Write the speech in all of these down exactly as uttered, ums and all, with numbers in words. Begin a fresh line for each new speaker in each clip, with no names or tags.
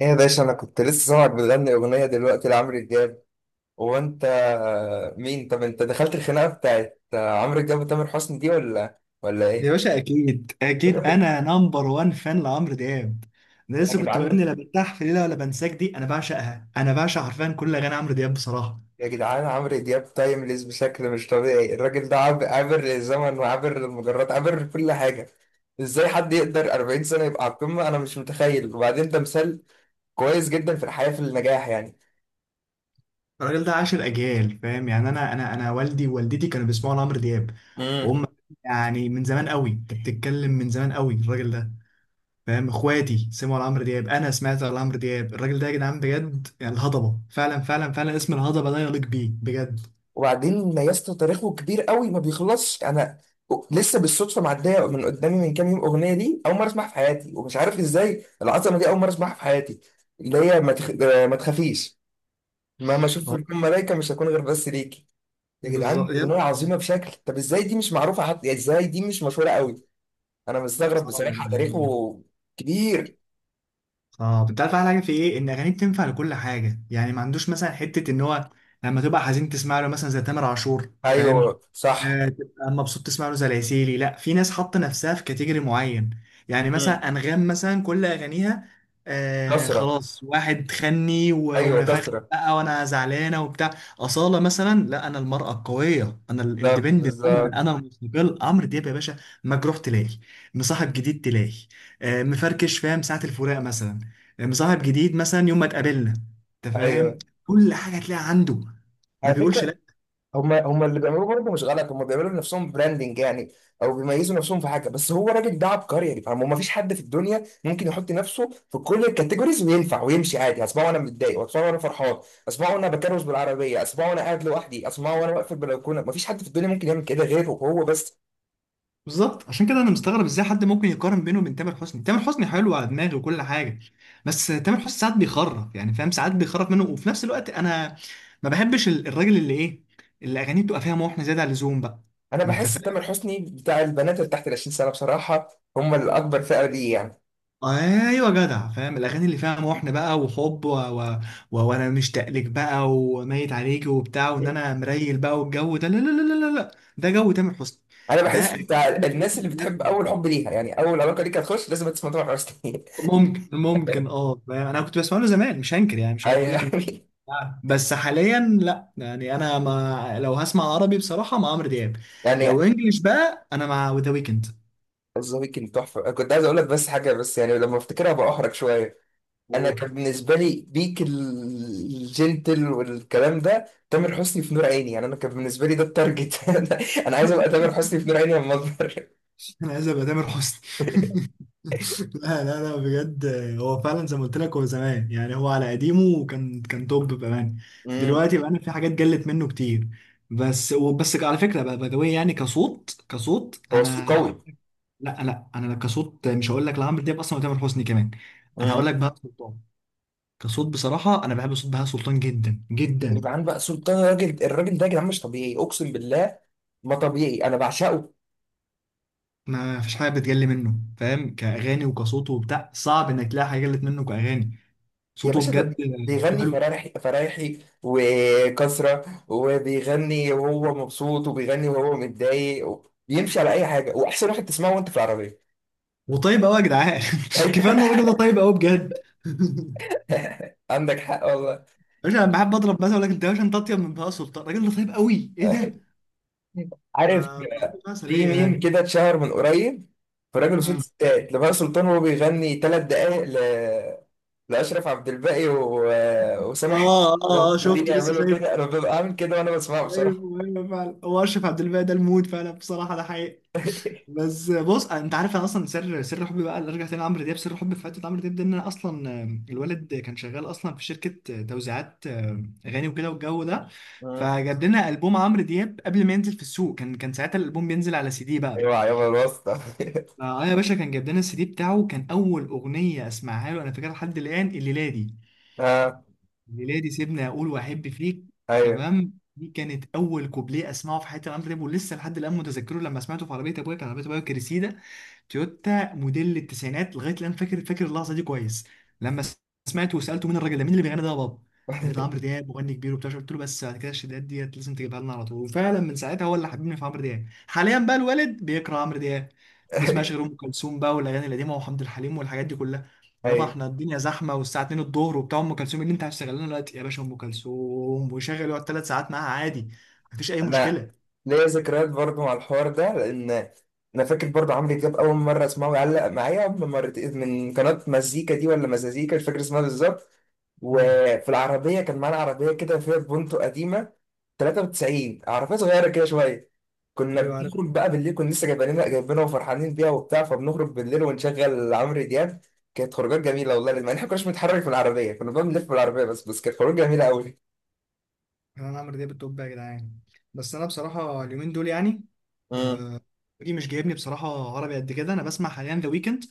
ايه يا باشا، انا كنت لسه سامعك بتغني اغنيه دلوقتي لعمرو دياب. هو انت مين؟ طب انت دخلت الخناقه بتاعت عمرو دياب وتامر حسني دي ولا ولا
يا
ايه؟
باشا اكيد اكيد انا نمبر وان فان لعمرو دياب. انا
يا
لسه كنت
جدعان،
بغني لا برتاح في ليله ولا بنساك دي، انا بعشقها، انا بعشق حرفيا كل اغاني عمرو دياب بصراحه.
يا جدعان، عمرو دياب تايمليس بشكل مش طبيعي. الراجل ده عاب- عابر للزمن وعابر للمجرات، عابر لكل حاجه. ازاي حد يقدر أربعين سنه يبقى على القمه؟ انا مش متخيل. وبعدين ده مثال كويس جدا في الحياه، في النجاح.
الراجل ده عاشر اجيال فاهم يعني انا انا انا والدي ووالدتي كانوا بيسمعوا لعمرو دياب
يعني
وهم يعني من زمان قوي، انت بتتكلم من زمان قوي الراجل ده فاهم. اخواتي سمعوا لعمرو دياب، انا سمعت لعمرو دياب، الراجل ده يا جدعان بجد يعني الهضبه فعلا فعلا فعلا، اسم الهضبه ده يليق بيه بجد.
وبعدين ما يسطا تاريخه كبير قوي، ما بيخلصش. انا لسه بالصدفه معديه من قدامي من كام يوم اغنيه، دي اول مره اسمعها في حياتي، ومش عارف ازاي العظمه دي اول مره اسمعها في حياتي. اللي هي ما, تخ... آه، ما تخافيش، مهما اشوف
هو-
الكون ملايكه مش هكون غير بس ليكي. يا جدعان،
بالظبط.
اغنيه عظيمه بشكل. طب ازاي دي مش معروفه حتى؟ يعني ازاي دي مش مشهوره قوي؟ انا مستغرب
صعب يا
بصراحه.
جدعان.
تاريخه كبير.
اه، انت عارف احلى حاجه في ايه؟ ان اغانيه بتنفع لكل حاجه، يعني ما عندوش مثلا حته ان هو لما تبقى حزين تسمع له مثلا زي تامر عاشور فاهم،
ايوه صح.
آه، تبقى مبسوط تسمع له زي العسيلي. لا، في ناس حاطه نفسها في كاتيجوري معين، يعني
مم.
مثلا انغام مثلا كل اغانيها آه
كسره.
خلاص، واحد خني و-
ايوه
ونفخني
كسره.
بقى وانا زعلانه وبتاع. اصاله مثلا، لا انا المراه القويه، انا
بالظبط،
الاندبندنت وومن،
بالظبط.
انا المستقل. عمرو دياب يا باشا مجروح تلاقي، مصاحب جديد تلاقي، آه مفركش فاهم، ساعه الفراق مثلا، آه، مصاحب جديد مثلا، يوم ما اتقابلنا، انت فاهم،
ايوه.
كل حاجه تلاقي عنده ما
على
بيقولش.
فكره، هم هم اللي بيعملوه برضه مش غلط. هم بيعملوا لنفسهم براندنج يعني، او بيميزوا نفسهم في حاجه. بس هو الراجل ده عبقري، يعني فاهم؟ ما فيش حد في الدنيا ممكن يحط نفسه في كل الكاتيجوريز وينفع ويمشي عادي. اسمعه وانا متضايق، واسمعه وانا فرحان، اسمعه وانا بكرس بالعربيه، اسمعه وانا قاعد لوحدي، اسمعه وانا واقف في البلكونه. ما فيش حد في الدنيا ممكن يعمل كده غيره، هو بس.
بالظبط، عشان كده انا مستغرب ازاي حد ممكن يقارن بينه وبين تامر حسني. تامر حسني حلو على دماغي وكل حاجه، بس تامر حسني ساعات بيخرف يعني فاهم، ساعات بيخرف منه، وفي نفس الوقت انا ما بحبش ال- الراجل اللي ايه، اللي اغانيه بتبقى فيها محن زياده عن اللزوم بقى.
انا
انت
بحس تامر
فاهم.
حسني بتاع البنات اللي تحت ال العشرين سنه بصراحه. هم الاكبر، فئه دي يعني.
ايوه جدع، فاهم الاغاني اللي فيها محن بقى وحب و... و... و... وانا مشتاق لك بقى وميت عليك وبتاع، وان انا مريل بقى والجو ده لا لا لا لا لا لا. ده جو تامر حسني،
انا
ده
بحس
أغاني
بتاع
تامر
الناس اللي بتحب
حسني
اول
كلها.
حب ليها، يعني اول علاقه ليك هتخش لازم تسمع تامر حسني.
ممكن ممكن اه، انا كنت بسمع له زمان مش هنكر، يعني مش هقول لك ان.
يعني.
بس حاليا لا، يعني انا، ما لو هسمع عربي بصراحه مع عمرو دياب، لو
يعني
انجليش بقى انا مع ذا ويكند.
ذا ويكند تحفه. أنا كنت عايز اقول لك بس حاجه، بس يعني لما افتكرها بأحرج شويه. انا
أوه.
كان بالنسبه لي بيك ال- الجنتل والكلام ده، تامر حسني في نور عيني. يعني انا كان بالنسبه لي ده التارجت. انا، أنا عايز ابقى تامر حسني في نور عيني لما اكبر.
انا عايز ابقى تامر حسني. لا لا لا، بجد هو فعلا زي ما قلت لك، هو زمان يعني هو على قديمه، وكان كان توب بامانه.
أمم،
دلوقتي بقى في حاجات قلت منه كتير، بس. وبس على فكره بقى، باي ذا واي، يعني كصوت، كصوت
هو صوته
انا،
قوي.
لا لا، انا كصوت مش هقول لك لعمرو دياب اصلا وتامر حسني كمان، انا هقول
امم.
لك بهاء سلطان. كصوت بصراحه انا بحب صوت بهاء سلطان جدا جدا.
يبقى عن بقى سلطان. الراجل الراجل ده يا جدعان مش طبيعي، اقسم بالله. ما طبيعي، انا بعشقه.
ما فيش حاجه بتجلي منه فاهم، كاغاني وكصوته وبتاع، صعب انك تلاقي حاجه جلت منه كاغاني.
يا
صوته
باشا،
بجد،
ده
صوته
بيغني
حلو،
فرايحي فرايحي وكسرة، وبيغني وهو مبسوط، وبيغني وهو متضايق. بيمشي على أي حاجة، وأحسن واحد تسمعه وأنت في العربية.
وطيب قوي يا جدعان. كفايه ان الراجل ده طيب قوي بجد.
عندك حق والله.
مش انا بحب اضرب مثلا، اقول لك انت يا باشا انت اطيب من بهاء سلطان. الراجل ده طيب قوي، ايه ده؟ ف-
عارف،
فالراجل ده مثلا
في
ايه
ميم
يعني.
كده اتشهر من قريب، في راجل وست
مم.
ستات لبهاء سلطان وهو بيغني ثلاث دقايق ل... لأشرف عبد الباقي و... وسامح،
اه اه اه،
قاعدين
شفته، لسه
يعملوا
شايف.
كده. أنا ببقى عامل كده وأنا بسمعه بصراحة.
ايوه ايوه فعلا، هو اشرف عبد الباقي ده الموت فعلا بصراحه، ده حقيقي. بس بص، انت عارف انا اصلا سر سر حبي بقى اللي ارجع تاني لعمرو دياب، سر حبي في حته عمرو دياب ده ان انا اصلا، آم، الولد كان شغال اصلا في شركه توزيعات آم، اغاني وكده والجو ده،
مم.
فجاب لنا البوم عمرو دياب قبل ما ينزل في السوق. كان كان ساعتها الالبوم بينزل على سي دي بقى.
ايوه يابا، الواسطة.
اه يا باشا، كان جاب لنا السي دي بتاعه، كان اول اغنيه اسمعها له انا فاكرها لحد الان، الليله دي ميلادي سيبني اقول واحب فيك،
ايوه.
تمام. دي كانت اول كوبليه اسمعه في حياتي عمرو دياب، ولسه لحد الان متذكره لما سمعته في عربيه ابويا. كان عربيه ابويا كريسيدا، تويوتا موديل التسعينات. لغايه الان فاكر، فاكر اللحظه دي كويس، لما سمعته وسالته مين الراجل ده؟ مين اللي بيغني ده يا بابا؟ قال ده عمرو دياب مغني كبير وبتاع. قلت له بس بعد كده الشدات ديت لازم تجيبها لنا على طول. وفعلا من ساعتها هو اللي حببني في عمرو دياب. حاليا بقى الوالد بيكره عمرو دياب، بيسمعش غير ام كلثوم بقى والاغاني القديمه وحمد الحليم والحاجات دي كلها. يابا
ايوه.
احنا الدنيا زحمه والساعه اتنين الظهر وبتاع ام كلثوم، إيه اللي انت هتشتغل لنا دلوقتي يا باشا؟ ام كلثوم ويشغل يقعد ثلاث ساعات معاها عادي، مفيش اي
انا
مشكله.
ليا ذكريات برضو مع الحوار ده، لان انا فاكر برضو عمرو دياب اول مره اسمعه يعلق معايا من مرتين، من قناه مزيكا دي ولا مزازيكا، مش فاكر اسمها بالظبط.
امم.
وفي العربيه، كان معانا عربيه كده فيها بونتو قديمه، تلاته وتسعين، عربيه صغيره كده شويه. كنا
ايوه،
بنخرج بقى بالليل، كنا لسه جايبينها جايبينها وفرحانين بيها وبتاع، فبنخرج بالليل ونشغل عمرو دياب. كانت خروجات جميله والله، لان احنا ما كناش بنتحرك في العربيه، كنا بنلف بالعربيه بس. بس كانت خروج جميله قوي.
يعني انا عمرو دياب التوب يا جدعان، بس انا بصراحه اليومين دول يعني
امم.
دي مش جايبني بصراحه عربي قد كده. انا بسمع حاليا ذا ويكند،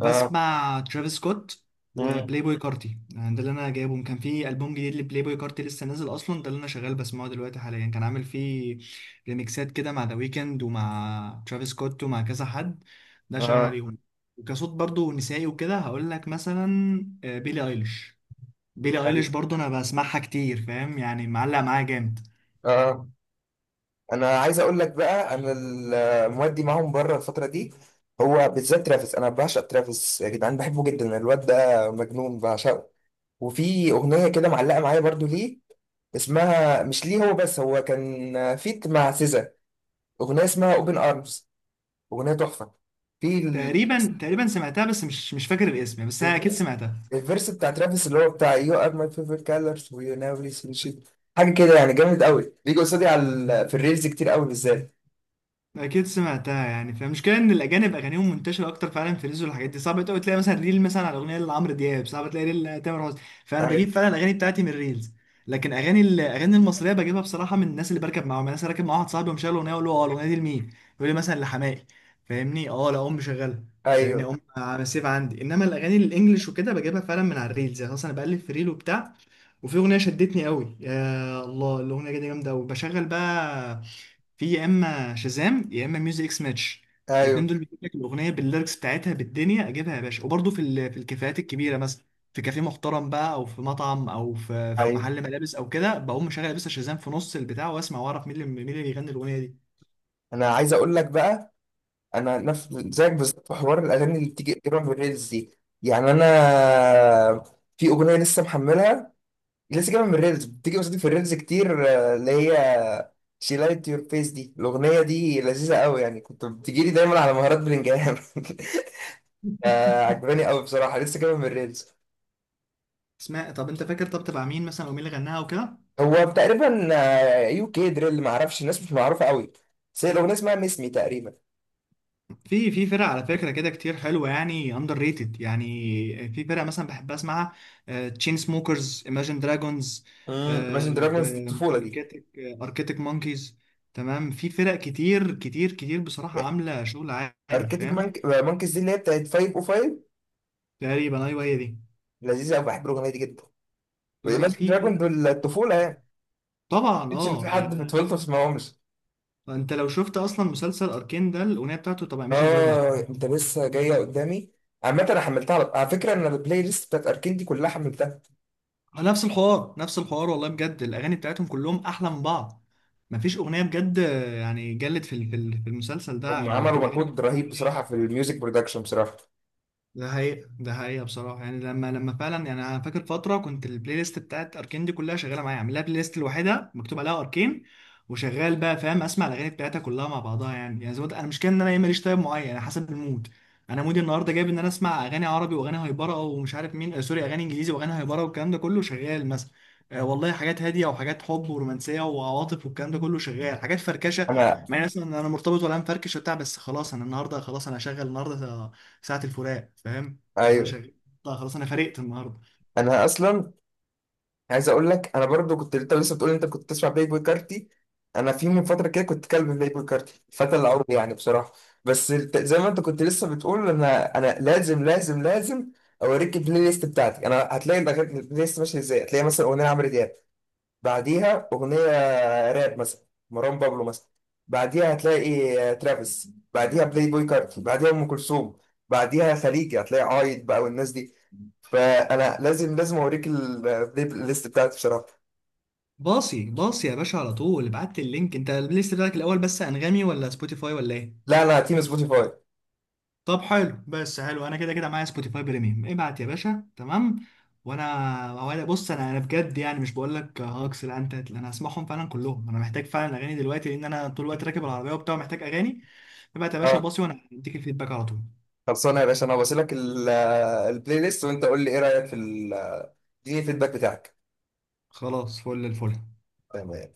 اه.
ترافيس سكوت،
مم.
وبلاي بوي كارتي، يعني ده اللي انا جايبهم. كان في البوم جديد لبلاي بوي كارتي لسه نازل اصلا، ده اللي انا شغال بسمعه دلوقتي حاليا. كان عامل فيه ريميكسات كده مع ذا ويكند، ومع ترافيس سكوت، ومع كذا حد، ده شغال
اه.
عليهم. وكصوت برضو نسائي وكده هقول لك مثلا آه، بيلي ايليش. بيلي ايليش
أيوة.
برضو انا بسمعها كتير، فاهم يعني، معلق معايا جامد.
اه. انا عايز اقول لك بقى، انا ال- مودي معاهم بره الفتره دي. هو بالذات ترافيس، انا بعشق ترافيس يا جدعان، بحبه جدا. الواد ده مجنون، بعشقه. وفي اغنيه كده معلقه معايا برضو ليه. اسمها مش ليه هو، بس هو كان فيت مع سيزا. اغنيه اسمها اوبن ارمز، اغنيه تحفه. في ال-
تقريبا تقريبا سمعتها، بس مش مش فاكر الاسم، بس انا اكيد
الفيرس
سمعتها.
الفيرس بتاع ترافيس اللي هو بتاع يو ار ماي فيفورت كالرز ويو نيفر سين شيت. حاجه كده يعني، جامد قوي. بيجي قصادي على ال- في الريلز كتير قوي بالذات.
اكيد سمعتها يعني، فالمشكله ان الاجانب اغانيهم منتشره اكتر فعلا في الريلز، والحاجات دي صعب قوي تلاقي مثلا ريل مثلا على اغنيه لعمرو دياب، صعب تلاقي ريل لتامر حسني. فانا بجيب
أيوه،
فعلا الاغاني بتاعتي من الريلز، لكن اغاني، الاغاني المصريه بجيبها بصراحه من الناس اللي بركب معاهم. الناس راكب مع واحد صاحبي ومشغل اغنيه، اقول له اه الاغنيه دي لمين؟ يقول لي مثلا لحماقي فاهمني. اه لا، ام مشغلها فاهمني،
أيوه،
ام على سيف عندي. انما الاغاني الانجليش وكده بجيبها فعلا من على الريلز، يعني مثلا بقلب في ريل وبتاع وفي اغنيه شدتني قوي، يا الله الاغنيه دي جامده قوي، بشغل بقى في يا اما شازام يا اما ميوزك اكس ماتش، الاثنين
أيوه،
دول بيجيب لك الاغنيه بالليركس بتاعتها بالدنيا، اجيبها يا باشا. وبرده في ال- في الكافيهات الكبيره مثلا، في كافيه محترم بقى او في مطعم او في في
أيوه.
محل ملابس او كده، بقوم مشغل بس شازام في نص البتاع واسمع واعرف مين اللي مين اللي بيغني الاغنيه دي
أنا عايز أقول لك بقى، أنا نفس زيك بالظبط في حوار الأغاني اللي بتيجي جايبها من الريلز دي. يعني أنا في أغنية لسه محملها، لسه جايبها من الريلز، بتيجي قصادي في الريلز كتير. آه، اللي هي شي لايت يور فيس، دي الأغنية دي لذيذة قوي. يعني كنت بتجيلي دايما على مهارات بلنجهام. آه، عجباني قوي بصراحة، لسه جايبها من الريلز.
اسمها. طب انت فاكر طب تبع مين مثلا، او مين اللي غناها وكده؟
هو تقريبا آه، يو كي دريل، ما اعرفش، الناس مش معروفة قوي. بس هي الأغنية اسمها ميس مي تقريبا.
في في فرق على فكرة كده كتير حلوة، يعني اندر ريتد، يعني في فرق مثلا بحب اسمعها: تشين سموكرز، ايماجين دراجونز،
امم. ماشن دراجونز دي الطفولة دي.
اركيتك اركيتك مونكيز. تمام. في فرق كتير كتير كتير بصراحة عاملة شغل عالي،
اركتيك
فاهم.
مانك... مانكيز دي اللي هي بتاعت فايف او فايف.
تقريبا ايوه هي دي.
لذيذه قوي، بحب الاغنيه دي جدا.
لا لا،
وايماجن
في
دراجون
فرق
دول الطفوله
عاملة.
يعني،
طبعا،
مش ان في
اه
حد في
يعني
طفولته ما سمعهمش.
انت لو شفت اصلا مسلسل اركين ده، الاغنية بتاعته طبعا ايماجين دراجونز.
اه انت لسه جايه قدامي. عامة انا حملتها. على على فكره، ان البلاي ليست بتاعت اركين دي كلها حملتها.
ما نفس الحوار نفس الحوار والله بجد، الاغاني بتاعتهم كلهم احلى من بعض. مفيش اغنيه بجد، يعني جلت في ال- في ال- في المسلسل
هم
ده لكل
عملوا
اغاني.
مجهود رهيب بصراحه في الميوزك برودكشن بصراحه.
ده حقيقة، ده حقيقة بصراحة. يعني لما لما فعلا يعني أنا فاكر فترة كنت البلاي ليست بتاعت أركين دي كلها شغالة معايا، عامل لها بلاي ليست لوحدها مكتوب عليها أركين، وشغال بقى فاهم، أسمع الأغاني بتاعتها كلها مع بعضها، يعني يعني زي ما قلت، أنا مش كده إن أنا إيه، ماليش تايب معين، أنا حسب المود. أنا مودي النهاردة جايب إن أنا أسمع أغاني عربي وأغاني هايبرة ومش عارف مين، آه، سوري، أغاني إنجليزي وأغاني هايبرة والكلام ده كله شغال مثلا، آه، والله حاجات هادية وحاجات حب ورومانسية وعواطف والكلام ده كله شغال، حاجات فركشة.
انا،
مع إن مثلا أنا مرتبط ولا مفركش وبتاع، بس خلاص أنا النهاردة، خلاص أنا هشغل النهاردة ساعة الفراق فاهم. انا
ايوه،
شغال. طيب خلاص، انا فرقت النهارده.
انا اصلا عايز اقول لك، انا برضو كنت، انت لسه بتقول انت كنت تسمع بلاي بوي كارتي. انا في من فتره كده كنت كلب بلاي بوي كارتي الفتى العمري يعني بصراحه. بس الت- زي ما انت كنت لسه بتقول، انا انا لازم لازم لازم اوريك البلاي ليست بتاعتي. انا هتلاقي الأغاني- البلاي ليست ماشيه ازاي. هتلاقي مثلا اغنيه عمرو دياب، بعديها اغنيه راب مثلا، مروان بابلو مثلا. بعديها هتلاقي آه، ترافيس، بعديها بلاي بوي كارتي، بعديها ام كلثوم، بعديها خليجي هتلاقي عايد بقى والناس دي. فانا لازم لازم اوريك البلاي ليست بتاعتي بصراحه.
باصي باصي يا باشا، على طول ابعت لي اللينك انت البلاي ليست بتاعك الاول. بس انغامي ولا سبوتيفاي ولا ايه؟
لا، لا، تيم سبوتيفاي.
طب حلو، بس حلو، انا كده كده معايا سبوتيفاي بريميوم، ابعت يا باشا، تمام. وانا وانا بص، انا انا بجد يعني، مش بقول لك هاكس لا، انت، انا هسمعهم فعلا كلهم، انا محتاج فعلا اغاني دلوقتي، لان انا طول الوقت راكب العربيه وبتاع، محتاج اغاني. ابعت يا باشا
اه.
وباصي وانا هديك الفيدباك على طول.
خلصانه يا باشا، انا بسيلك البلاي ليست، وانت قول لي ايه رايك في ال- اديني الفيدباك بتاعك.
خلاص، فل الفل.
تمام.